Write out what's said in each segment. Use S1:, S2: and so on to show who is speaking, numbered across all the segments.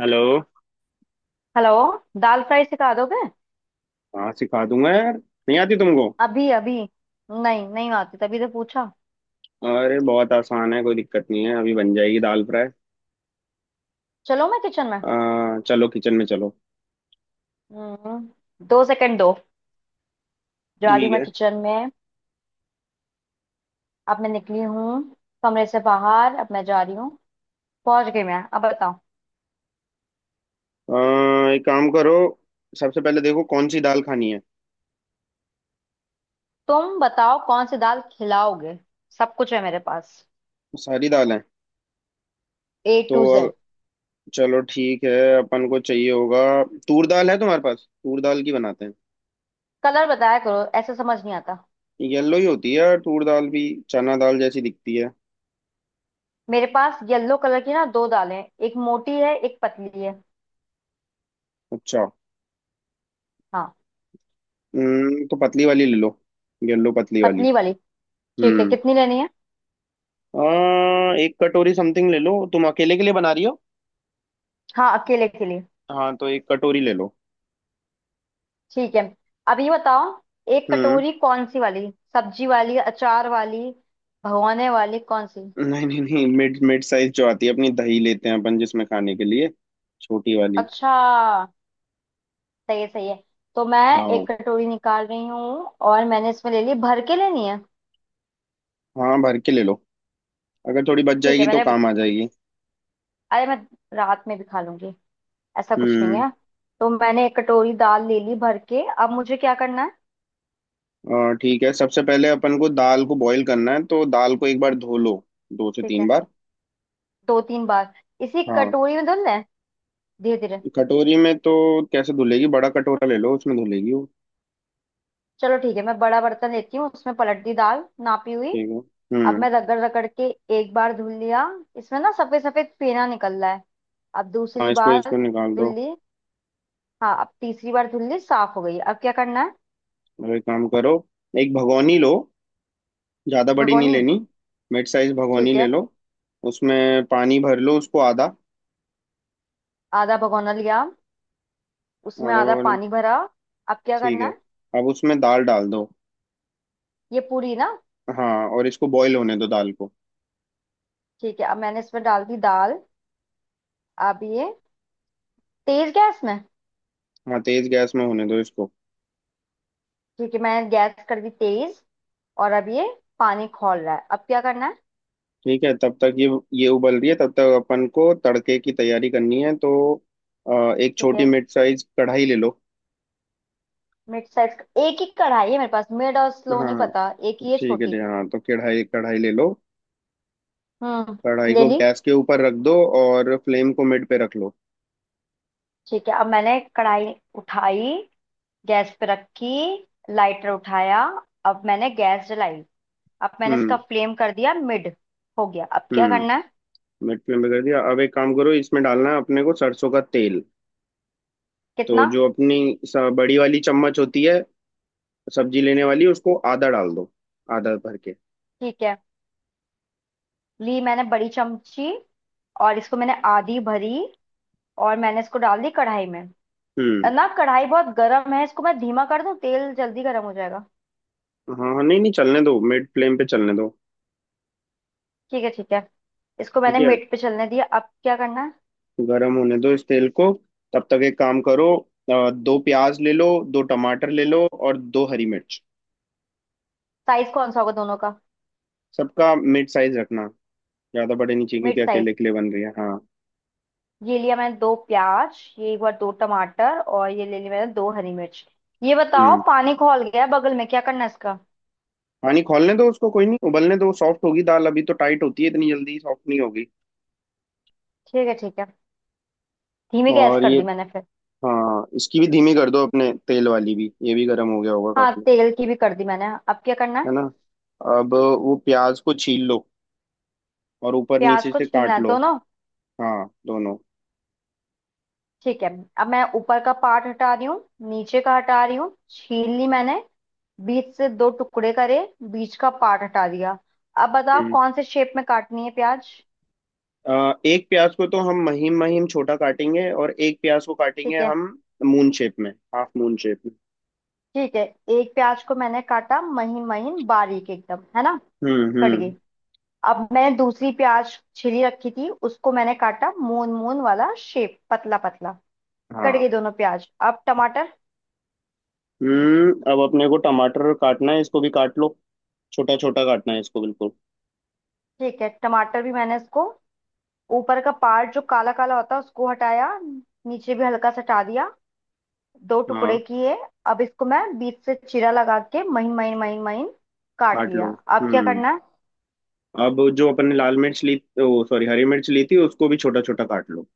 S1: Hello.
S2: Hello. Dal fry सिखा दोगे?
S1: हाँ, सिखा दूंगा यार, नहीं आती तुमको?
S2: अभी अभी नहीं, नहीं आती तभी तो पूछा।
S1: अरे बहुत आसान है, कोई दिक्कत नहीं है, अभी बन जाएगी दाल फ्राई।
S2: चलो मैं किचन में।
S1: चलो किचन में चलो।
S2: हम्म, 2 सेकंड दो। जा रही
S1: ठीक
S2: हूँ मैं
S1: है।
S2: किचन में। अब मैं निकली हूँ कमरे से बाहर, अब मैं जा रही हूँ। पहुंच गई मैं, अब बताओ।
S1: अ, एक काम करो, सबसे पहले देखो कौन सी दाल खानी है।
S2: तुम बताओ कौन सी दाल खिलाओगे? सब कुछ है मेरे पास,
S1: सारी दाल है।
S2: ए
S1: तो
S2: टू
S1: अ,
S2: जेड।
S1: चलो ठीक है, अपन को चाहिए होगा। तूर दाल है तुम्हारे पास? तूर दाल की बनाते हैं।
S2: कलर बताया करो, ऐसे समझ नहीं आता।
S1: येलो ही होती है यार तूर दाल भी, चना दाल जैसी दिखती है।
S2: मेरे पास येलो कलर की ना दो दालें हैं, एक मोटी है एक पतली है।
S1: अच्छा।
S2: हाँ।
S1: तो पतली वाली ले लो, येलो पतली वाली।
S2: पतली वाली। ठीक है,
S1: हम्म।
S2: कितनी लेनी है?
S1: एक कटोरी समथिंग ले लो, तुम अकेले के लिए बना रही हो।
S2: हाँ, अकेले के लिए।
S1: हाँ, तो एक कटोरी ले लो।
S2: ठीक है। अब ये बताओ, एक
S1: हम्म।
S2: कटोरी कौन सी वाली? सब्जी वाली, अचार वाली, भगोने वाली, कौन सी?
S1: नहीं नहीं नहीं, मिड मिड साइज जो आती है, अपनी दही लेते हैं अपन जिसमें खाने के लिए, छोटी वाली।
S2: अच्छा। सही है, सही है। तो मैं
S1: हाँ,
S2: 1 कटोरी निकाल रही हूँ, और मैंने इसमें ले ली। भर के लेनी है?
S1: हाँ भर के ले लो, अगर थोड़ी बच
S2: ठीक है
S1: जाएगी तो
S2: मैंने
S1: काम आ जाएगी।
S2: अरे, मैं रात में भी खा लूंगी, ऐसा कुछ नहीं
S1: हम्म।
S2: है। तो मैंने 1 कटोरी दाल ले ली भर के, अब मुझे क्या करना है?
S1: ठीक है, सबसे पहले अपन को दाल को बॉईल करना है, तो दाल को एक बार धो लो, दो से
S2: ठीक
S1: तीन
S2: है,
S1: बार।
S2: दो तीन बार। इसी
S1: हाँ।
S2: कटोरी में धुलना है? धीरे धीरे।
S1: कटोरी में तो कैसे धुलेगी? बड़ा कटोरा ले लो, उसमें धुलेगी वो।
S2: चलो ठीक है, मैं बड़ा बर्तन लेती हूँ, उसमें पलट दी दाल नापी हुई।
S1: ठीक है।
S2: अब
S1: हम्म।
S2: मैं रगड़ रगड़ के एक बार धुल लिया, इसमें ना सफेद सफेद फेना निकल रहा है। अब
S1: हाँ,
S2: दूसरी
S1: इसको
S2: बार
S1: इसको निकाल
S2: धुल
S1: दो।
S2: ली। हाँ, अब तीसरी बार धुल ली, साफ हो गई। अब क्या करना है?
S1: और एक काम करो, एक भगोनी लो, ज़्यादा बड़ी नहीं
S2: भगोनी।
S1: लेनी, मिड साइज भगोनी
S2: ठीक
S1: ले
S2: है।
S1: लो। उसमें पानी भर लो उसको आधा,
S2: आधा भगोना लिया, उसमें
S1: आधा
S2: आधा
S1: भगोना।
S2: पानी भरा। अब क्या
S1: ठीक
S2: करना
S1: है।
S2: है?
S1: अब उसमें दाल डाल दो।
S2: ये पूरी ना?
S1: हाँ, और इसको बॉईल होने दो दाल को।
S2: ठीक है, अब मैंने इसमें डाल दी दाल। अब ये तेज गैस में?
S1: हाँ, तेज गैस में होने दो इसको।
S2: ठीक है, मैंने गैस कर दी तेज। और अब ये पानी खौल रहा है, अब क्या करना है?
S1: ठीक है, तब तक ये उबल रही है, तब तक अपन को तड़के की तैयारी करनी है, तो एक
S2: ठीक
S1: छोटी
S2: है,
S1: मिड साइज कढ़ाई ले लो।
S2: Mid size. एक ही कढ़ाई है मेरे पास, मिड और
S1: हाँ
S2: स्लो नहीं
S1: हाँ,
S2: पता, एक ही है
S1: ठीक है
S2: छोटी।
S1: जी, हाँ तो कढ़ाई कढ़ाई ले लो। कढ़ाई
S2: ले
S1: को
S2: ली।
S1: गैस के ऊपर रख दो और फ्लेम को मिड पे रख लो।
S2: ठीक है, अब मैंने कढ़ाई उठाई, गैस पे रखी, लाइटर उठाया, अब मैंने गैस जलाई, अब मैंने इसका
S1: हम्म,
S2: फ्लेम कर दिया मिड। हो गया, अब क्या करना
S1: हम्म,
S2: है?
S1: मिनट में बदल दिया। अब एक काम करो, इसमें डालना है अपने को सरसों का तेल। तो
S2: कितना?
S1: जो अपनी बड़ी वाली चम्मच होती है, सब्जी लेने वाली, उसको आधा डाल दो, आधा भर के।
S2: ठीक है, ली मैंने बड़ी चमची, और इसको मैंने आधी भरी, और मैंने इसको डाल दी कढ़ाई में।
S1: हम्म।
S2: ना कढ़ाई बहुत गर्म है, इसको मैं धीमा कर दूं? तेल जल्दी गर्म हो जाएगा।
S1: हाँ हाँ, नहीं नहीं चलने दो, मिड फ्लेम पे चलने दो।
S2: ठीक है, ठीक है। इसको मैंने
S1: ठीक है,
S2: मिड पे चलने दिया, अब क्या करना है?
S1: गरम होने दो इस तेल को। तब तक एक काम करो, दो प्याज ले लो, दो टमाटर ले लो और दो हरी मिर्च।
S2: साइज कौन सा होगा दोनों का?
S1: सबका मिड साइज रखना, ज्यादा बड़े नहीं चाहिए
S2: मिड
S1: क्योंकि
S2: साइज।
S1: अकेले के लिए बन रही है। हाँ।
S2: ये लिया मैंने दो प्याज, ये एक बार दो टमाटर, और ये ले ली मैंने दो हरी मिर्च। ये बताओ
S1: हम्म
S2: पानी खौल गया बगल में, क्या करना है इसका?
S1: पानी खौलने दो उसको, कोई नहीं उबलने दो, सॉफ्ट होगी दाल, अभी तो टाइट होती है, इतनी जल्दी सॉफ्ट नहीं होगी।
S2: ठीक है, ठीक है। धीमी गैस
S1: और
S2: कर
S1: ये,
S2: दी मैंने फिर।
S1: हाँ इसकी भी धीमी कर दो, अपने तेल वाली भी, ये भी गर्म हो गया होगा
S2: हाँ,
S1: काफी।
S2: तेल की भी कर दी मैंने। अब क्या करना
S1: है
S2: है?
S1: ना, अब वो प्याज को छील लो और ऊपर
S2: प्याज
S1: नीचे
S2: को
S1: से
S2: छीलना
S1: काट
S2: है
S1: लो।
S2: दोनों?
S1: हाँ दोनों।
S2: ठीक है, अब मैं ऊपर का पार्ट हटा रही हूँ, नीचे का हटा रही हूँ, छील ली मैंने। बीच से दो टुकड़े करे, बीच का पार्ट हटा दिया। अब बताओ
S1: हम्म
S2: कौन से शेप में काटनी है प्याज?
S1: एक प्याज को तो हम महीन महीन छोटा काटेंगे, और एक प्याज को काटेंगे
S2: ठीक है।
S1: हम मून शेप में, हाफ मून शेप में।
S2: ठीक है। एक प्याज को मैंने काटा महीन महीन बारीक एकदम, है ना? कट गई।
S1: हम्म।
S2: अब मैंने दूसरी प्याज छिली रखी थी, उसको मैंने काटा मून मून वाला शेप, पतला पतला। कट
S1: हाँ।
S2: गई दोनों प्याज, अब टमाटर।
S1: अब अपने को टमाटर काटना है, इसको भी काट लो, छोटा छोटा काटना है इसको बिल्कुल।
S2: ठीक है, टमाटर भी मैंने इसको ऊपर का पार्ट जो काला काला होता है उसको हटाया, नीचे भी हल्का सा हटा दिया, दो टुकड़े
S1: हाँ,
S2: किए। अब इसको मैं बीच से चीरा लगा के महीन महीन महीन महीन काट
S1: काट
S2: लिया।
S1: लो।
S2: अब क्या
S1: हम्म
S2: करना है?
S1: अब जो अपन ने लाल मिर्च ली, ओ सॉरी हरी मिर्च ली थी, उसको भी छोटा छोटा काट लो।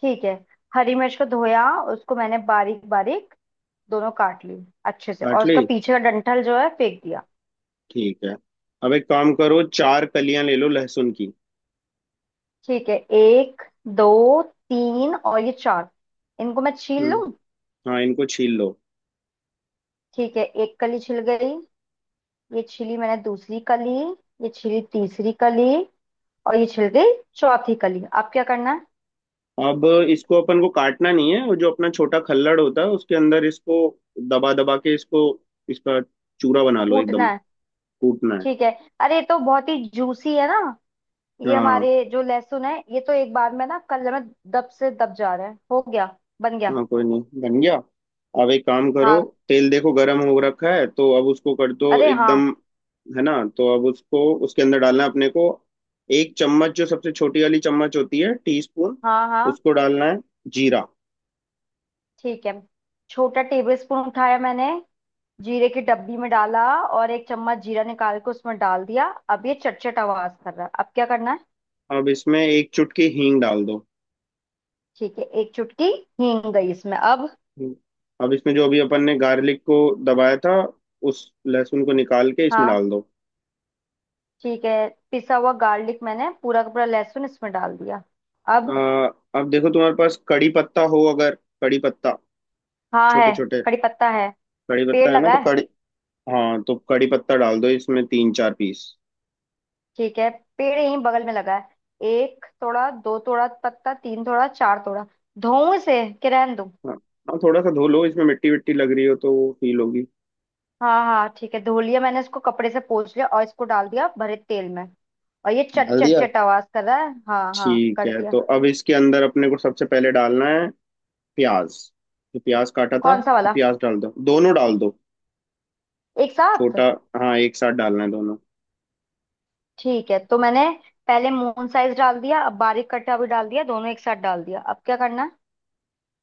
S2: ठीक है। हरी मिर्च को धोया, उसको मैंने बारीक बारीक दोनों काट ली अच्छे से, और
S1: काट
S2: उसका
S1: ली,
S2: पीछे का डंठल जो है फेंक दिया।
S1: ठीक है। अब एक काम करो, चार कलियां ले लो लहसुन की।
S2: ठीक है, एक, दो, तीन और ये चार। इनको मैं छील लूं?
S1: हम्म, हाँ इनको छील लो।
S2: ठीक है, एक कली छिल गई, ये छिली मैंने दूसरी कली, ये छिली तीसरी कली, और ये छिल गई चौथी कली। अब क्या करना है?
S1: अब इसको अपन को काटना नहीं है, वो जो अपना छोटा खल्लड़ होता है, उसके अंदर इसको दबा दबा के इसको, इसका चूरा बना लो
S2: कूटना
S1: एकदम,
S2: है?
S1: कूटना है।
S2: ठीक है। अरे ये तो बहुत ही जूसी है ना, ये
S1: हाँ,
S2: हमारे जो लहसुन है ये तो एक बार में ना कलर में दब से दब जा रहा है। हो गया। बन गया।
S1: हाँ कोई नहीं बन गया। अब एक काम करो,
S2: हाँ।
S1: तेल देखो गरम हो रखा है, तो अब उसको कर दो
S2: अरे हाँ।
S1: एकदम। है ना, तो अब उसको, उसके अंदर डालना है अपने को, एक चम्मच, जो सबसे छोटी वाली चम्मच होती है, टीस्पून,
S2: हाँ, हाँ।
S1: उसको डालना है जीरा।
S2: ठीक है, छोटा टेबल स्पून उठाया मैंने, जीरे की डब्बी में डाला, और 1 चम्मच जीरा निकाल के उसमें डाल दिया। अब ये चटचट आवाज कर रहा है, अब क्या करना है?
S1: अब इसमें एक चुटकी हींग डाल दो।
S2: ठीक है, 1 चुटकी हींग गई इसमें। अब?
S1: अब इसमें जो अभी अपन ने गार्लिक को दबाया था, उस लहसुन को निकाल के इसमें
S2: हाँ।
S1: डाल दो।
S2: ठीक है, पिसा हुआ गार्लिक मैंने पूरा का पूरा लहसुन इसमें डाल दिया।
S1: आ,
S2: अब?
S1: अब देखो तुम्हारे पास कड़ी पत्ता हो अगर, कड़ी पत्ता,
S2: हाँ
S1: छोटे
S2: है।
S1: छोटे
S2: कड़ी पत्ता है,
S1: कड़ी पत्ता
S2: पेड़
S1: है ना,
S2: लगा
S1: तो
S2: है।
S1: कड़ी, हाँ तो कड़ी पत्ता डाल दो इसमें, तीन चार पीस।
S2: ठीक है, पेड़ यहीं बगल में लगा है। एक थोड़ा, दो थोड़ा पत्ता, तीन थोड़ा, चार थोड़ा। धोऊं इसे कि रहने दूं?
S1: हाँ, हाँ थोड़ा सा धो लो, इसमें मिट्टी विट्टी लग रही हो तो वो फील होगी।
S2: हाँ, हाँ ठीक है, धो लिया मैंने, इसको कपड़े से पोंछ लिया और इसको डाल दिया भरे तेल में। और ये चट
S1: डाल
S2: चट
S1: दिया,
S2: चट आवाज कर रहा है। हाँ हाँ
S1: ठीक
S2: कर
S1: है।
S2: दिया।
S1: तो अब इसके अंदर अपने को सबसे पहले डालना है प्याज, जो प्याज काटा था
S2: कौन सा
S1: तो
S2: वाला?
S1: प्याज डाल दो, दोनों डाल दो।
S2: एक साथ?
S1: छोटा, हाँ एक साथ डालना है दोनों।
S2: ठीक है, तो मैंने पहले मून साइज डाल दिया, अब बारीक कटा भी डाल दिया, दोनों एक साथ डाल दिया। अब क्या करना है?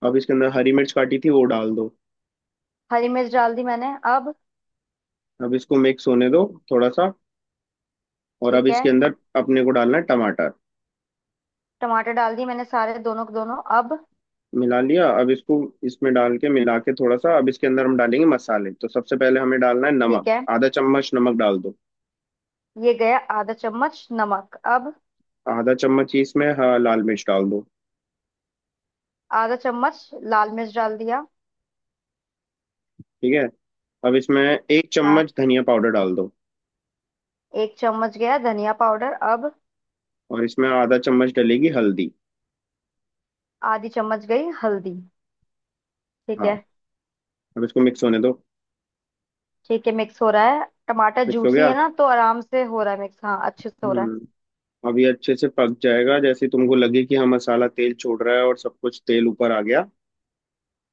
S1: अब इसके अंदर हरी मिर्च काटी थी वो डाल दो।
S2: हरी मिर्च डाल दी मैंने। अब?
S1: अब इसको मिक्स होने दो थोड़ा सा, और अब
S2: ठीक है,
S1: इसके अंदर अपने को डालना है टमाटर।
S2: टमाटर डाल दी मैंने सारे दोनों के दोनों। अब?
S1: मिला लिया अब इसको, इसमें डाल के मिला के थोड़ा सा। अब इसके अंदर हम डालेंगे मसाले, तो सबसे पहले हमें डालना है
S2: ठीक
S1: नमक,
S2: है,
S1: आधा चम्मच नमक डाल दो।
S2: ये गया ½ चम्मच नमक। अब?
S1: आधा चम्मच ही इसमें, हाँ, लाल मिर्च डाल दो।
S2: ½ चम्मच। लाल मिर्च डाल दिया।
S1: ठीक है, अब इसमें एक
S2: हाँ,
S1: चम्मच धनिया पाउडर डाल दो,
S2: 1 चम्मच गया धनिया पाउडर। अब?
S1: और इसमें आधा चम्मच डलेगी हल्दी।
S2: ½ चम्मच गई हल्दी। ठीक
S1: हाँ,
S2: है।
S1: अब इसको मिक्स होने दो।
S2: ठीक है, मिक्स हो रहा है, टमाटर
S1: मिक्स हो
S2: जूसी
S1: गया।
S2: है ना, तो आराम से हो रहा है मिक्स। हाँ, अच्छे से हो रहा है।
S1: हम्म अब ये अच्छे से पक जाएगा, जैसे तुमको लगे कि हाँ मसाला तेल छोड़ रहा है और सब कुछ तेल ऊपर आ गया,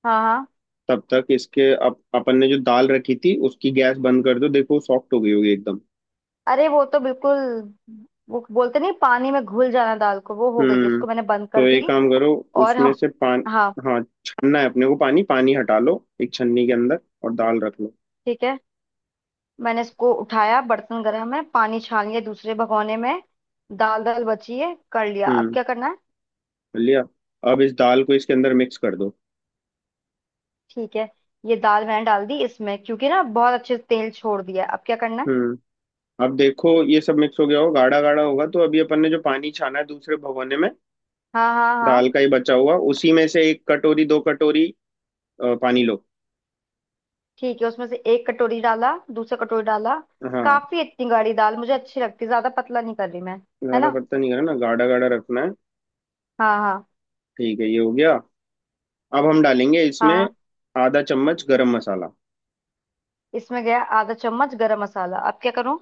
S2: हाँ, हाँ।
S1: तब तक इसके अपन ने जो दाल रखी थी उसकी गैस बंद कर दो, देखो सॉफ्ट हो गई होगी एकदम।
S2: अरे वो तो बिल्कुल, वो बोलते नहीं पानी में घुल जाना दाल को, वो हो गई है,
S1: हम्म
S2: उसको मैंने बंद
S1: तो
S2: कर
S1: एक
S2: दी।
S1: काम करो,
S2: और
S1: उसमें
S2: हम।
S1: से पानी,
S2: हाँ।
S1: हाँ, छानना है अपने को पानी, पानी हटा लो, एक छन्नी के अंदर, और दाल रख लो।
S2: ठीक है, मैंने इसको उठाया, बर्तन गर्म है, पानी छान लिया दूसरे भगोने में, दाल दाल बची है, कर लिया। अब
S1: हम्म
S2: क्या करना है?
S1: लिया। अब इस दाल को इसके अंदर मिक्स कर दो।
S2: ठीक है। ये दाल मैंने डाल दी इसमें क्योंकि ना बहुत अच्छे से तेल छोड़ दिया है। अब क्या करना है?
S1: हम्म अब देखो ये सब मिक्स हो गया हो, गाढ़ा गाढ़ा होगा, तो अभी अपन ने जो पानी छाना है दूसरे भगोने में,
S2: हाँ हाँ
S1: दाल
S2: हाँ।
S1: का ही बचा हुआ, उसी में से एक कटोरी, दो कटोरी पानी लो।
S2: ठीक है, उसमें से 1 कटोरी डाला, दूसरा कटोरी डाला।
S1: हाँ,
S2: काफी, इतनी गाढ़ी दाल मुझे अच्छी लगती, ज्यादा पतला नहीं कर रही मैं। है
S1: ज्यादा
S2: ना?
S1: पत्ता नहीं करना, गाढ़ा गाढ़ा रखना है।
S2: हाँ, हाँ।
S1: ठीक है, ये हो गया। अब हम डालेंगे
S2: हाँ,
S1: इसमें
S2: हाँ।
S1: आधा चम्मच गरम मसाला।
S2: इसमें गया ½ चम्मच गरम मसाला। अब क्या करूँ?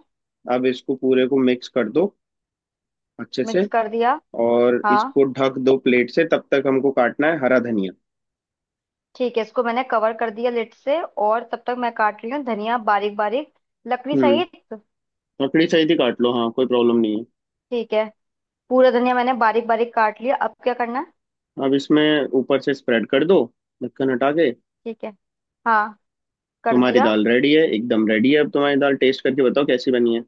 S1: अब इसको पूरे को मिक्स कर दो, अच्छे से।
S2: मिक्स कर दिया।
S1: और
S2: हाँ।
S1: इसको ढक दो प्लेट से, तब तक हमको काटना है हरा धनिया।
S2: ठीक है, इसको मैंने कवर कर दिया लिड से, और तब तक मैं काट रही हूँ धनिया बारीक बारीक। लकड़ी
S1: हम्म
S2: सहित।
S1: ककड़ी सहित ही काट लो, हाँ कोई प्रॉब्लम नहीं है।
S2: ठीक है, पूरा धनिया मैंने बारीक बारीक काट लिया। अब क्या करना है?
S1: अब इसमें ऊपर से स्प्रेड कर दो, ढक्कन हटा के।
S2: ठीक है। हाँ, कर
S1: तुम्हारी
S2: दिया।
S1: दाल रेडी है, एकदम रेडी है, अब तुम्हारी दाल टेस्ट करके बताओ कैसी बनी है।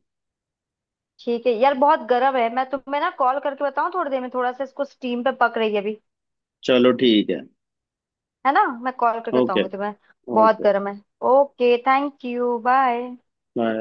S2: ठीक है यार, बहुत गर्म है, मैं तुम्हें ना कॉल करके बताऊँ थोड़ी देर में, थोड़ा सा इसको स्टीम पे पक रही है अभी।
S1: चलो ठीक है।
S2: है ना? मैं कॉल करके
S1: ओके।
S2: बताऊंगी तुम्हें। बहुत
S1: ओके,
S2: गर्म है। Okay thank you bye.
S1: Bye.